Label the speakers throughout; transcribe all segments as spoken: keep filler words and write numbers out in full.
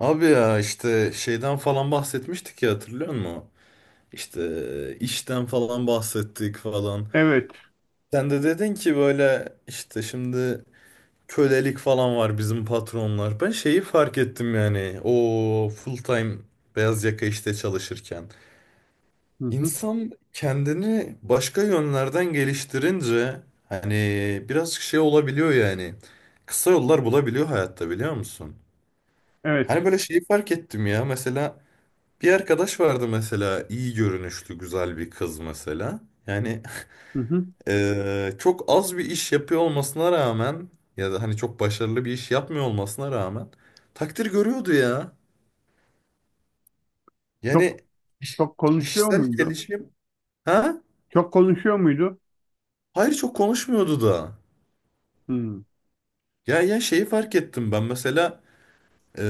Speaker 1: Abi ya işte şeyden falan bahsetmiştik ya hatırlıyor musun? İşte e, işten falan bahsettik falan.
Speaker 2: Evet.
Speaker 1: Sen de dedin ki böyle işte şimdi kölelik falan var bizim patronlar. Ben şeyi fark ettim yani o full time beyaz yaka işte çalışırken.
Speaker 2: Hı hı.
Speaker 1: İnsan kendini başka yönlerden geliştirince hani biraz şey olabiliyor yani. Kısa yollar bulabiliyor hayatta biliyor musun?
Speaker 2: Evet.
Speaker 1: Hani böyle şeyi fark ettim ya mesela, bir arkadaş vardı mesela, iyi görünüşlü güzel bir kız mesela. Yani
Speaker 2: Hı hı.
Speaker 1: eee, çok az bir iş yapıyor olmasına rağmen ya da hani çok başarılı bir iş yapmıyor olmasına rağmen takdir görüyordu ya. Yani
Speaker 2: Çok çok konuşuyor
Speaker 1: kişisel
Speaker 2: muydu?
Speaker 1: gelişim, ha?
Speaker 2: Çok konuşuyor muydu?
Speaker 1: Hayır, çok konuşmuyordu da.
Speaker 2: Hı.
Speaker 1: Ya ya şeyi fark ettim ben mesela, eee,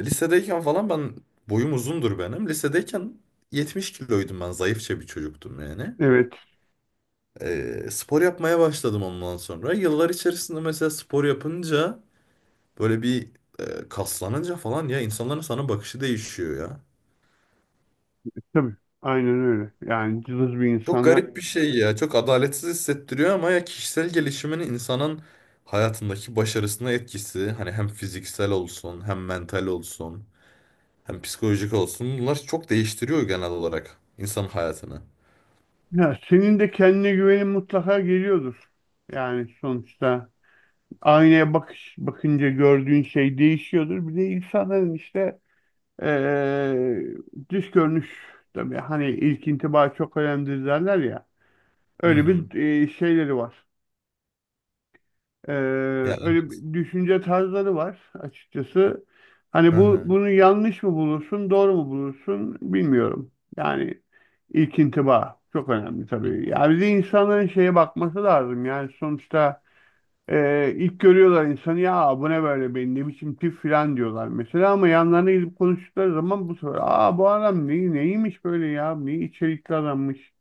Speaker 1: lisedeyken falan ben boyum uzundur benim. Lisedeyken yetmiş kiloydum ben, zayıfça bir çocuktum yani.
Speaker 2: Evet.
Speaker 1: e, spor yapmaya başladım ondan sonra. Yıllar içerisinde mesela spor yapınca böyle bir e, kaslanınca falan ya, insanların sana bakışı değişiyor ya.
Speaker 2: Tabii. Aynen öyle. Yani cılız bir
Speaker 1: Çok
Speaker 2: insana.
Speaker 1: garip bir şey ya. Çok adaletsiz hissettiriyor ama ya kişisel gelişimin insanın hayatındaki başarısına etkisi, hani hem fiziksel olsun hem mental olsun hem psikolojik olsun, bunlar çok değiştiriyor genel olarak insanın hayatını.
Speaker 2: Ya senin de kendine güvenin mutlaka geliyordur. Yani sonuçta aynaya bakış bakınca gördüğün şey değişiyordur. Bir de insanların işte eee dış görünüş, tabii hani ilk intiba çok önemlidir derler ya.
Speaker 1: Hı
Speaker 2: Öyle
Speaker 1: hı.
Speaker 2: bir eee, şeyleri var. Ee,
Speaker 1: Ya
Speaker 2: öyle
Speaker 1: evet.
Speaker 2: bir düşünce tarzları var açıkçası.
Speaker 1: Hı
Speaker 2: Hani bu
Speaker 1: hı.
Speaker 2: bunu yanlış mı bulursun, doğru mu bulursun bilmiyorum. Yani ilk intiba çok önemli tabii. Yani bir de insanların şeye bakması lazım. Yani sonuçta e, ilk görüyorlar insanı, ya bu ne böyle, benim ne biçim tip falan diyorlar mesela, ama yanlarına gidip konuştukları zaman bu sefer aa bu adam ne, neymiş böyle ya, ne içerikli adammış,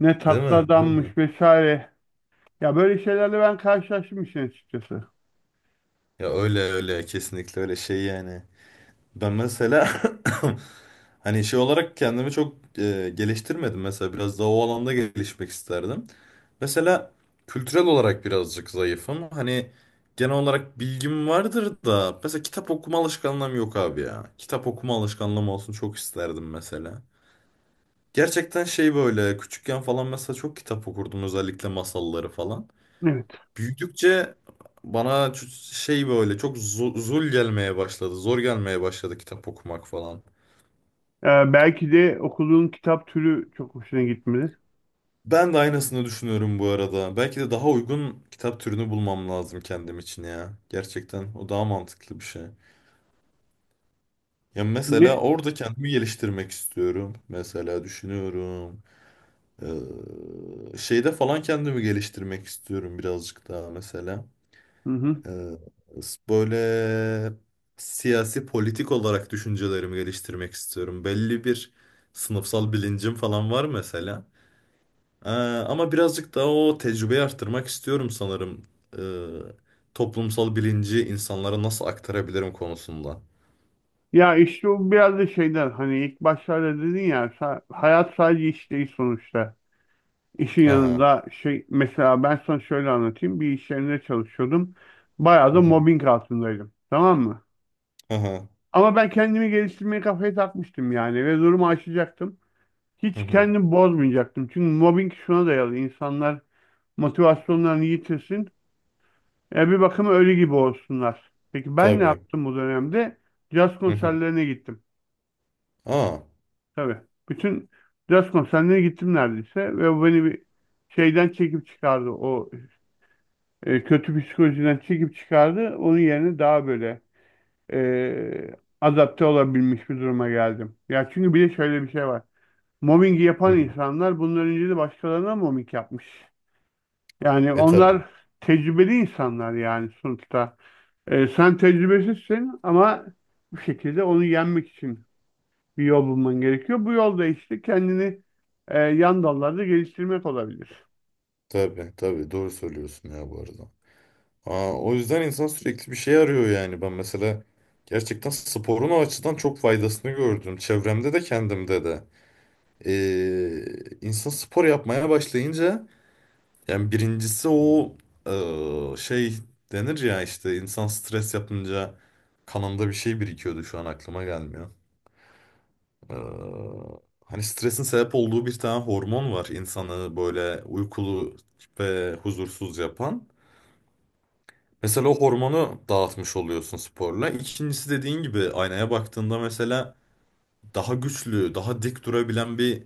Speaker 2: ne
Speaker 1: Değil
Speaker 2: tatlı
Speaker 1: mi? Değil mi?
Speaker 2: adammış vesaire. Ya böyle şeylerle ben karşılaştım işin açıkçası.
Speaker 1: Ya öyle, öyle, kesinlikle öyle şey yani. Ben mesela hani şey olarak kendimi çok e, geliştirmedim. Mesela biraz daha o alanda gelişmek isterdim. Mesela kültürel olarak birazcık zayıfım. Hani genel olarak bilgim vardır da mesela kitap okuma alışkanlığım yok abi ya. Kitap okuma alışkanlığım olsun çok isterdim mesela. Gerçekten şey böyle küçükken falan mesela çok kitap okurdum, özellikle masalları falan.
Speaker 2: Evet.
Speaker 1: Büyüdükçe bana ç- şey böyle çok zo- zul gelmeye başladı. Zor gelmeye başladı kitap okumak falan.
Speaker 2: Ee, belki de okuduğun kitap türü çok hoşuna gitmedi.
Speaker 1: Ben de aynısını düşünüyorum bu arada. Belki de daha uygun kitap türünü bulmam lazım kendim için ya. Gerçekten o daha mantıklı bir şey. Ya mesela
Speaker 2: Ne?
Speaker 1: orada kendimi geliştirmek istiyorum. Mesela düşünüyorum. Ee, şeyde falan kendimi geliştirmek istiyorum birazcık daha mesela.
Speaker 2: Hı hı.
Speaker 1: Ee, böyle siyasi, politik olarak düşüncelerimi geliştirmek istiyorum. Belli bir sınıfsal bilincim falan var mesela. Ee, ama birazcık daha o tecrübeyi arttırmak istiyorum sanırım. Ee, toplumsal bilinci insanlara nasıl aktarabilirim konusunda.
Speaker 2: Ya işte o biraz da şeyden, hani ilk başlarda dedin ya sa- hayat sadece iş değil sonuçta. İşin
Speaker 1: Hı hı.
Speaker 2: yanında şey, mesela ben sana şöyle anlatayım. Bir iş yerinde çalışıyordum. Bayağı
Speaker 1: Hı
Speaker 2: da
Speaker 1: hı.
Speaker 2: mobbing altındaydım. Tamam mı?
Speaker 1: Hı hı.
Speaker 2: Ama ben kendimi geliştirmeye kafaya takmıştım yani ve durumu aşacaktım.
Speaker 1: Hı
Speaker 2: Hiç
Speaker 1: hı.
Speaker 2: kendimi bozmayacaktım. Çünkü mobbing şuna dayalı: İnsanlar motivasyonlarını yitirsin. E, bir bakıma ölü gibi olsunlar. Peki ben ne
Speaker 1: Tabii.
Speaker 2: yaptım bu dönemde? Caz
Speaker 1: Hı hı.
Speaker 2: konserlerine gittim.
Speaker 1: Aa.
Speaker 2: Tabii. Bütün caz konserlerine gittim neredeyse. Ve bu beni bir şeyden çekip çıkardı. O e, kötü psikolojiden çekip çıkardı. Onun yerine daha böyle e, adapte olabilmiş bir duruma geldim. Ya çünkü bir de şöyle bir şey var. Mobbingi
Speaker 1: Hı
Speaker 2: yapan
Speaker 1: hı.
Speaker 2: insanlar bundan önce de başkalarına mobbing yapmış. Yani
Speaker 1: E tabii.
Speaker 2: onlar tecrübeli insanlar yani sonuçta. Ee, sen tecrübesizsin ama bu şekilde onu yenmek için bir yol bulman gerekiyor. Bu yolda işte kendini e, yan dallarda geliştirmek olabilir.
Speaker 1: Tabii. Tabii. Doğru söylüyorsun ya bu arada. Aa, o yüzden insan sürekli bir şey arıyor yani. Ben mesela gerçekten sporun o açıdan çok faydasını gördüm. Çevremde de kendimde de. Ee, insan spor yapmaya başlayınca, yani birincisi o eee, şey denir ya işte insan stres yapınca kanında bir şey birikiyordu, şu an aklıma gelmiyor. Eee, hani stresin sebep olduğu bir tane hormon var insanı böyle uykulu ve huzursuz yapan. Mesela o hormonu dağıtmış oluyorsun sporla. İkincisi, dediğin gibi, aynaya baktığında mesela daha güçlü, daha dik durabilen bir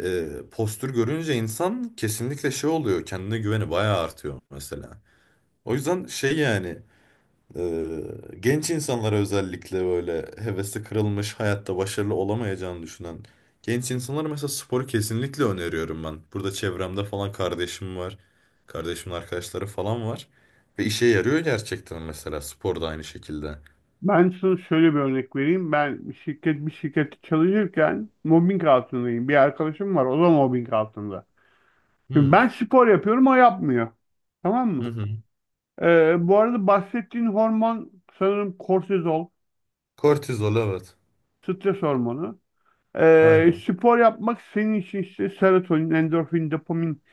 Speaker 1: eee, postür görünce insan kesinlikle şey oluyor. Kendine güveni bayağı artıyor mesela. O yüzden şey yani, e, genç insanlara, özellikle böyle hevesi kırılmış, hayatta başarılı olamayacağını düşünen genç insanlara mesela sporu kesinlikle öneriyorum ben. Burada çevremde falan kardeşim var. Kardeşimin arkadaşları falan var. Ve işe yarıyor gerçekten mesela spor da aynı şekilde.
Speaker 2: Ben sana şöyle bir örnek vereyim. Ben bir şirket bir şirkette çalışırken mobbing altındayım. Bir arkadaşım var, o da mobbing altında. Şimdi
Speaker 1: Hmm.
Speaker 2: ben spor yapıyorum, o yapmıyor. Tamam
Speaker 1: Hı
Speaker 2: mı?
Speaker 1: hı.
Speaker 2: Ee, bu arada bahsettiğin hormon sanırım kortizol,
Speaker 1: Kortizol, evet.
Speaker 2: stres hormonu. Ee,
Speaker 1: Aynen.
Speaker 2: spor yapmak senin için işte serotonin, endorfin, dopamin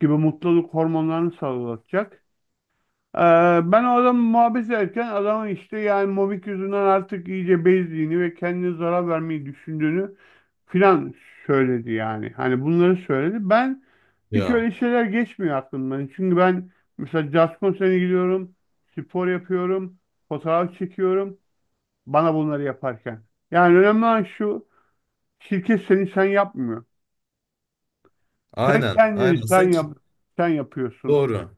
Speaker 2: gibi mutluluk hormonlarını sağlayacak. Ee, ben o adamı muhabbet ederken adamın işte yani mobik yüzünden artık iyice bezdiğini ve kendine zarar vermeyi düşündüğünü filan söyledi yani. Hani bunları söyledi. Ben hiç
Speaker 1: Ya.
Speaker 2: öyle şeyler geçmiyor aklımdan. Çünkü ben mesela jazz konserine gidiyorum, spor yapıyorum, fotoğraf çekiyorum bana bunları yaparken. Yani önemli olan şu: şirket seni sen yapmıyor. Sen
Speaker 1: Aynen.
Speaker 2: kendini
Speaker 1: Aynen.
Speaker 2: sen
Speaker 1: Sanki
Speaker 2: yap, sen yapıyorsun.
Speaker 1: doğru.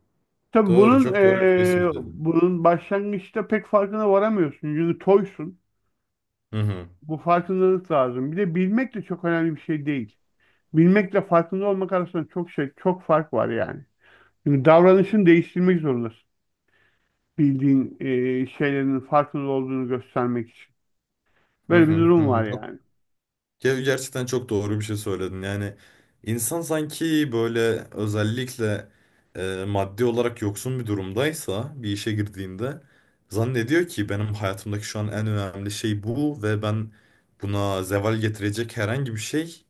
Speaker 2: Tabii
Speaker 1: Doğru.
Speaker 2: bunun
Speaker 1: Çok doğru bir şey
Speaker 2: eee,
Speaker 1: söyledin.
Speaker 2: bunun başlangıçta pek farkına varamıyorsun. Çünkü toysun.
Speaker 1: Hı hı.
Speaker 2: Bu farkındalık lazım. Bir de bilmek de çok önemli bir şey değil. Bilmekle farkında olmak arasında çok şey, çok fark var yani. Çünkü davranışını değiştirmek zorundasın. Bildiğin eee, şeylerin farkında olduğunu göstermek için.
Speaker 1: Hı
Speaker 2: Böyle bir
Speaker 1: hı. Hı
Speaker 2: durum var
Speaker 1: hı.
Speaker 2: yani.
Speaker 1: Ya gerçekten çok doğru bir şey söyledin. Yani insan sanki böyle, özellikle e, maddi olarak yoksun bir durumdaysa, bir işe girdiğinde zannediyor ki benim hayatımdaki şu an en önemli şey bu, ve ben buna zeval getirecek herhangi bir şey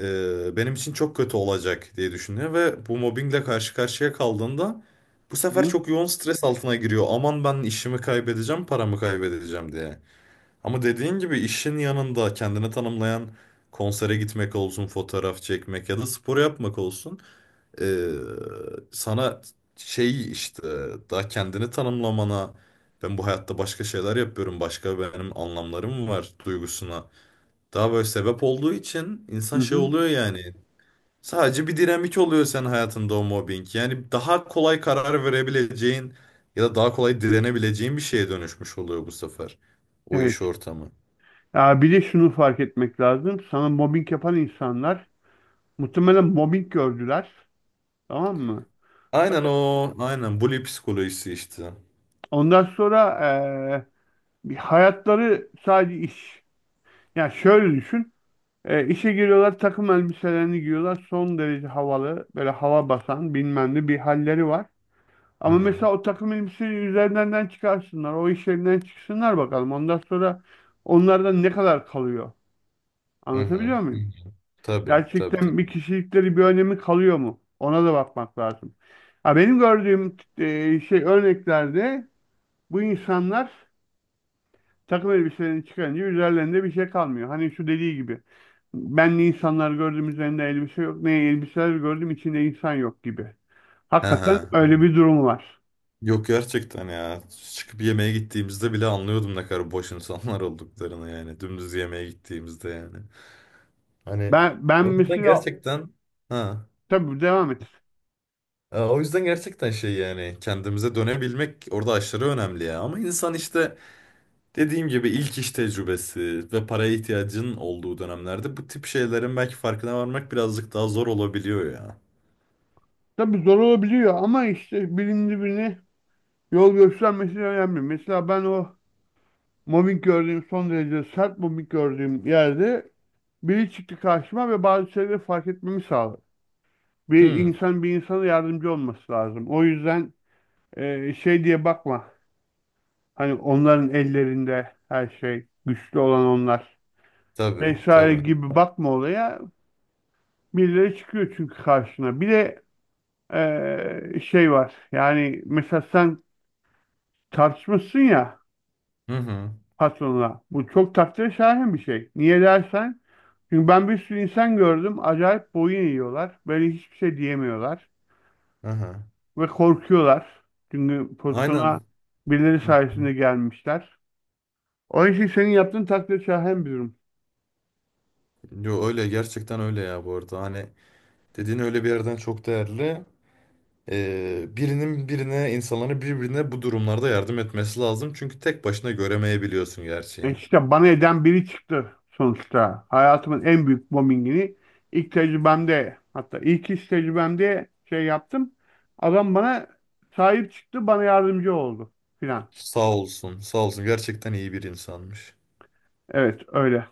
Speaker 1: e, benim için çok kötü olacak diye düşünüyor, ve bu mobbingle karşı karşıya kaldığında bu sefer
Speaker 2: Hı
Speaker 1: çok yoğun stres altına giriyor. Aman ben işimi kaybedeceğim, paramı kaybedeceğim diye. Ama dediğin gibi işin yanında kendini tanımlayan, konsere gitmek olsun, fotoğraf çekmek ya da spor yapmak olsun, eee, sana şey işte, daha kendini tanımlamana, ben bu hayatta başka şeyler yapıyorum, başka benim anlamlarım var duygusuna daha böyle sebep olduğu için
Speaker 2: hı.
Speaker 1: insan şey
Speaker 2: Hı.
Speaker 1: oluyor yani. Sadece bir dinamik oluyor senin hayatında o mobbing. Yani daha kolay karar verebileceğin ya da daha kolay direnebileceğin bir şeye dönüşmüş oluyor bu sefer o
Speaker 2: Evet.
Speaker 1: iş ortamı.
Speaker 2: Ya bir de şunu fark etmek lazım. Sana mobbing yapan insanlar muhtemelen mobbing gördüler. Tamam mı?
Speaker 1: Aynen o. Aynen. Bully psikolojisi işte.
Speaker 2: Ondan sonra eee, bir hayatları sadece iş. Yani şöyle düşün. Eee, işe giriyorlar, takım elbiselerini giyiyorlar. Son derece havalı, böyle hava basan bilmem ne bir halleri var.
Speaker 1: Hı
Speaker 2: Ama
Speaker 1: hı.
Speaker 2: mesela o takım elbiseyi üzerinden çıkarsınlar. O iş yerinden çıksınlar bakalım. Ondan sonra onlardan ne kadar kalıyor?
Speaker 1: Hı hı.
Speaker 2: Anlatabiliyor
Speaker 1: Hı
Speaker 2: muyum?
Speaker 1: hı. Tabii, tabii, tabii.
Speaker 2: Gerçekten bir kişilikleri, bir önemi kalıyor mu? Ona da bakmak lazım. Ha, benim gördüğüm eee, şey örneklerde bu insanlar takım elbiselerini çıkarınca üzerlerinde bir şey kalmıyor. Hani şu dediği gibi. Benli insanlar gördüm üzerinde elbise yok. Ne elbiseler gördüm içinde insan yok gibi.
Speaker 1: He
Speaker 2: Hakikaten
Speaker 1: he.
Speaker 2: öyle bir durum var.
Speaker 1: Yok, gerçekten ya. Çıkıp yemeğe gittiğimizde bile anlıyordum ne kadar boş insanlar olduklarını yani. Dümdüz yemeğe gittiğimizde yani. Hani
Speaker 2: Ben ben
Speaker 1: o yüzden
Speaker 2: mesela,
Speaker 1: gerçekten, ha.
Speaker 2: tabii devam et.
Speaker 1: E, O yüzden gerçekten şey yani, kendimize dönebilmek orada aşırı önemli ya. Ama insan işte, dediğim gibi ilk iş tecrübesi ve paraya ihtiyacın olduğu dönemlerde bu tip şeylerin belki farkına varmak birazcık daha zor olabiliyor ya.
Speaker 2: Tabii zor olabiliyor ama işte birinin birine yol göstermesi önemli. Mesela ben o mobbing gördüğüm, son derece sert mobbing gördüğüm yerde biri çıktı karşıma ve bazı şeyleri fark etmemi sağladı. Bir
Speaker 1: Hı,
Speaker 2: insan bir insana yardımcı olması lazım. O yüzden e, şey diye bakma. Hani onların ellerinde her şey, güçlü olan onlar
Speaker 1: tabii,
Speaker 2: vesaire
Speaker 1: tabii.
Speaker 2: gibi bakma olaya. Birileri çıkıyor çünkü karşına. Bir de e, şey var. Yani mesela sen tartışmışsın ya
Speaker 1: Hı hı,
Speaker 2: patronla. Bu çok takdire şayan bir şey. Niye dersen? Çünkü ben bir sürü insan gördüm. Acayip boyun eğiyorlar. Böyle hiçbir şey diyemiyorlar.
Speaker 1: hı hı.
Speaker 2: Ve korkuyorlar. Çünkü
Speaker 1: Aynen.
Speaker 2: pozisyona birileri
Speaker 1: Hı hı.
Speaker 2: sayesinde gelmişler. O işi senin yaptığın takdir şayan bir durum.
Speaker 1: Yo, öyle, gerçekten öyle ya bu arada. Hani dediğin öyle bir yerden çok değerli. Ee, birinin birine, insanların birbirine bu durumlarda yardım etmesi lazım. Çünkü tek başına göremeyebiliyorsun
Speaker 2: E,
Speaker 1: gerçeği.
Speaker 2: İşte bana eden biri çıktı sonuçta. Hayatımın en büyük bombingini ilk tecrübemde, hatta ilk iş tecrübemde şey yaptım. Adam bana sahip çıktı, bana yardımcı oldu filan.
Speaker 1: Sağ olsun, sağ olsun. Gerçekten iyi bir insanmış.
Speaker 2: Evet öyle.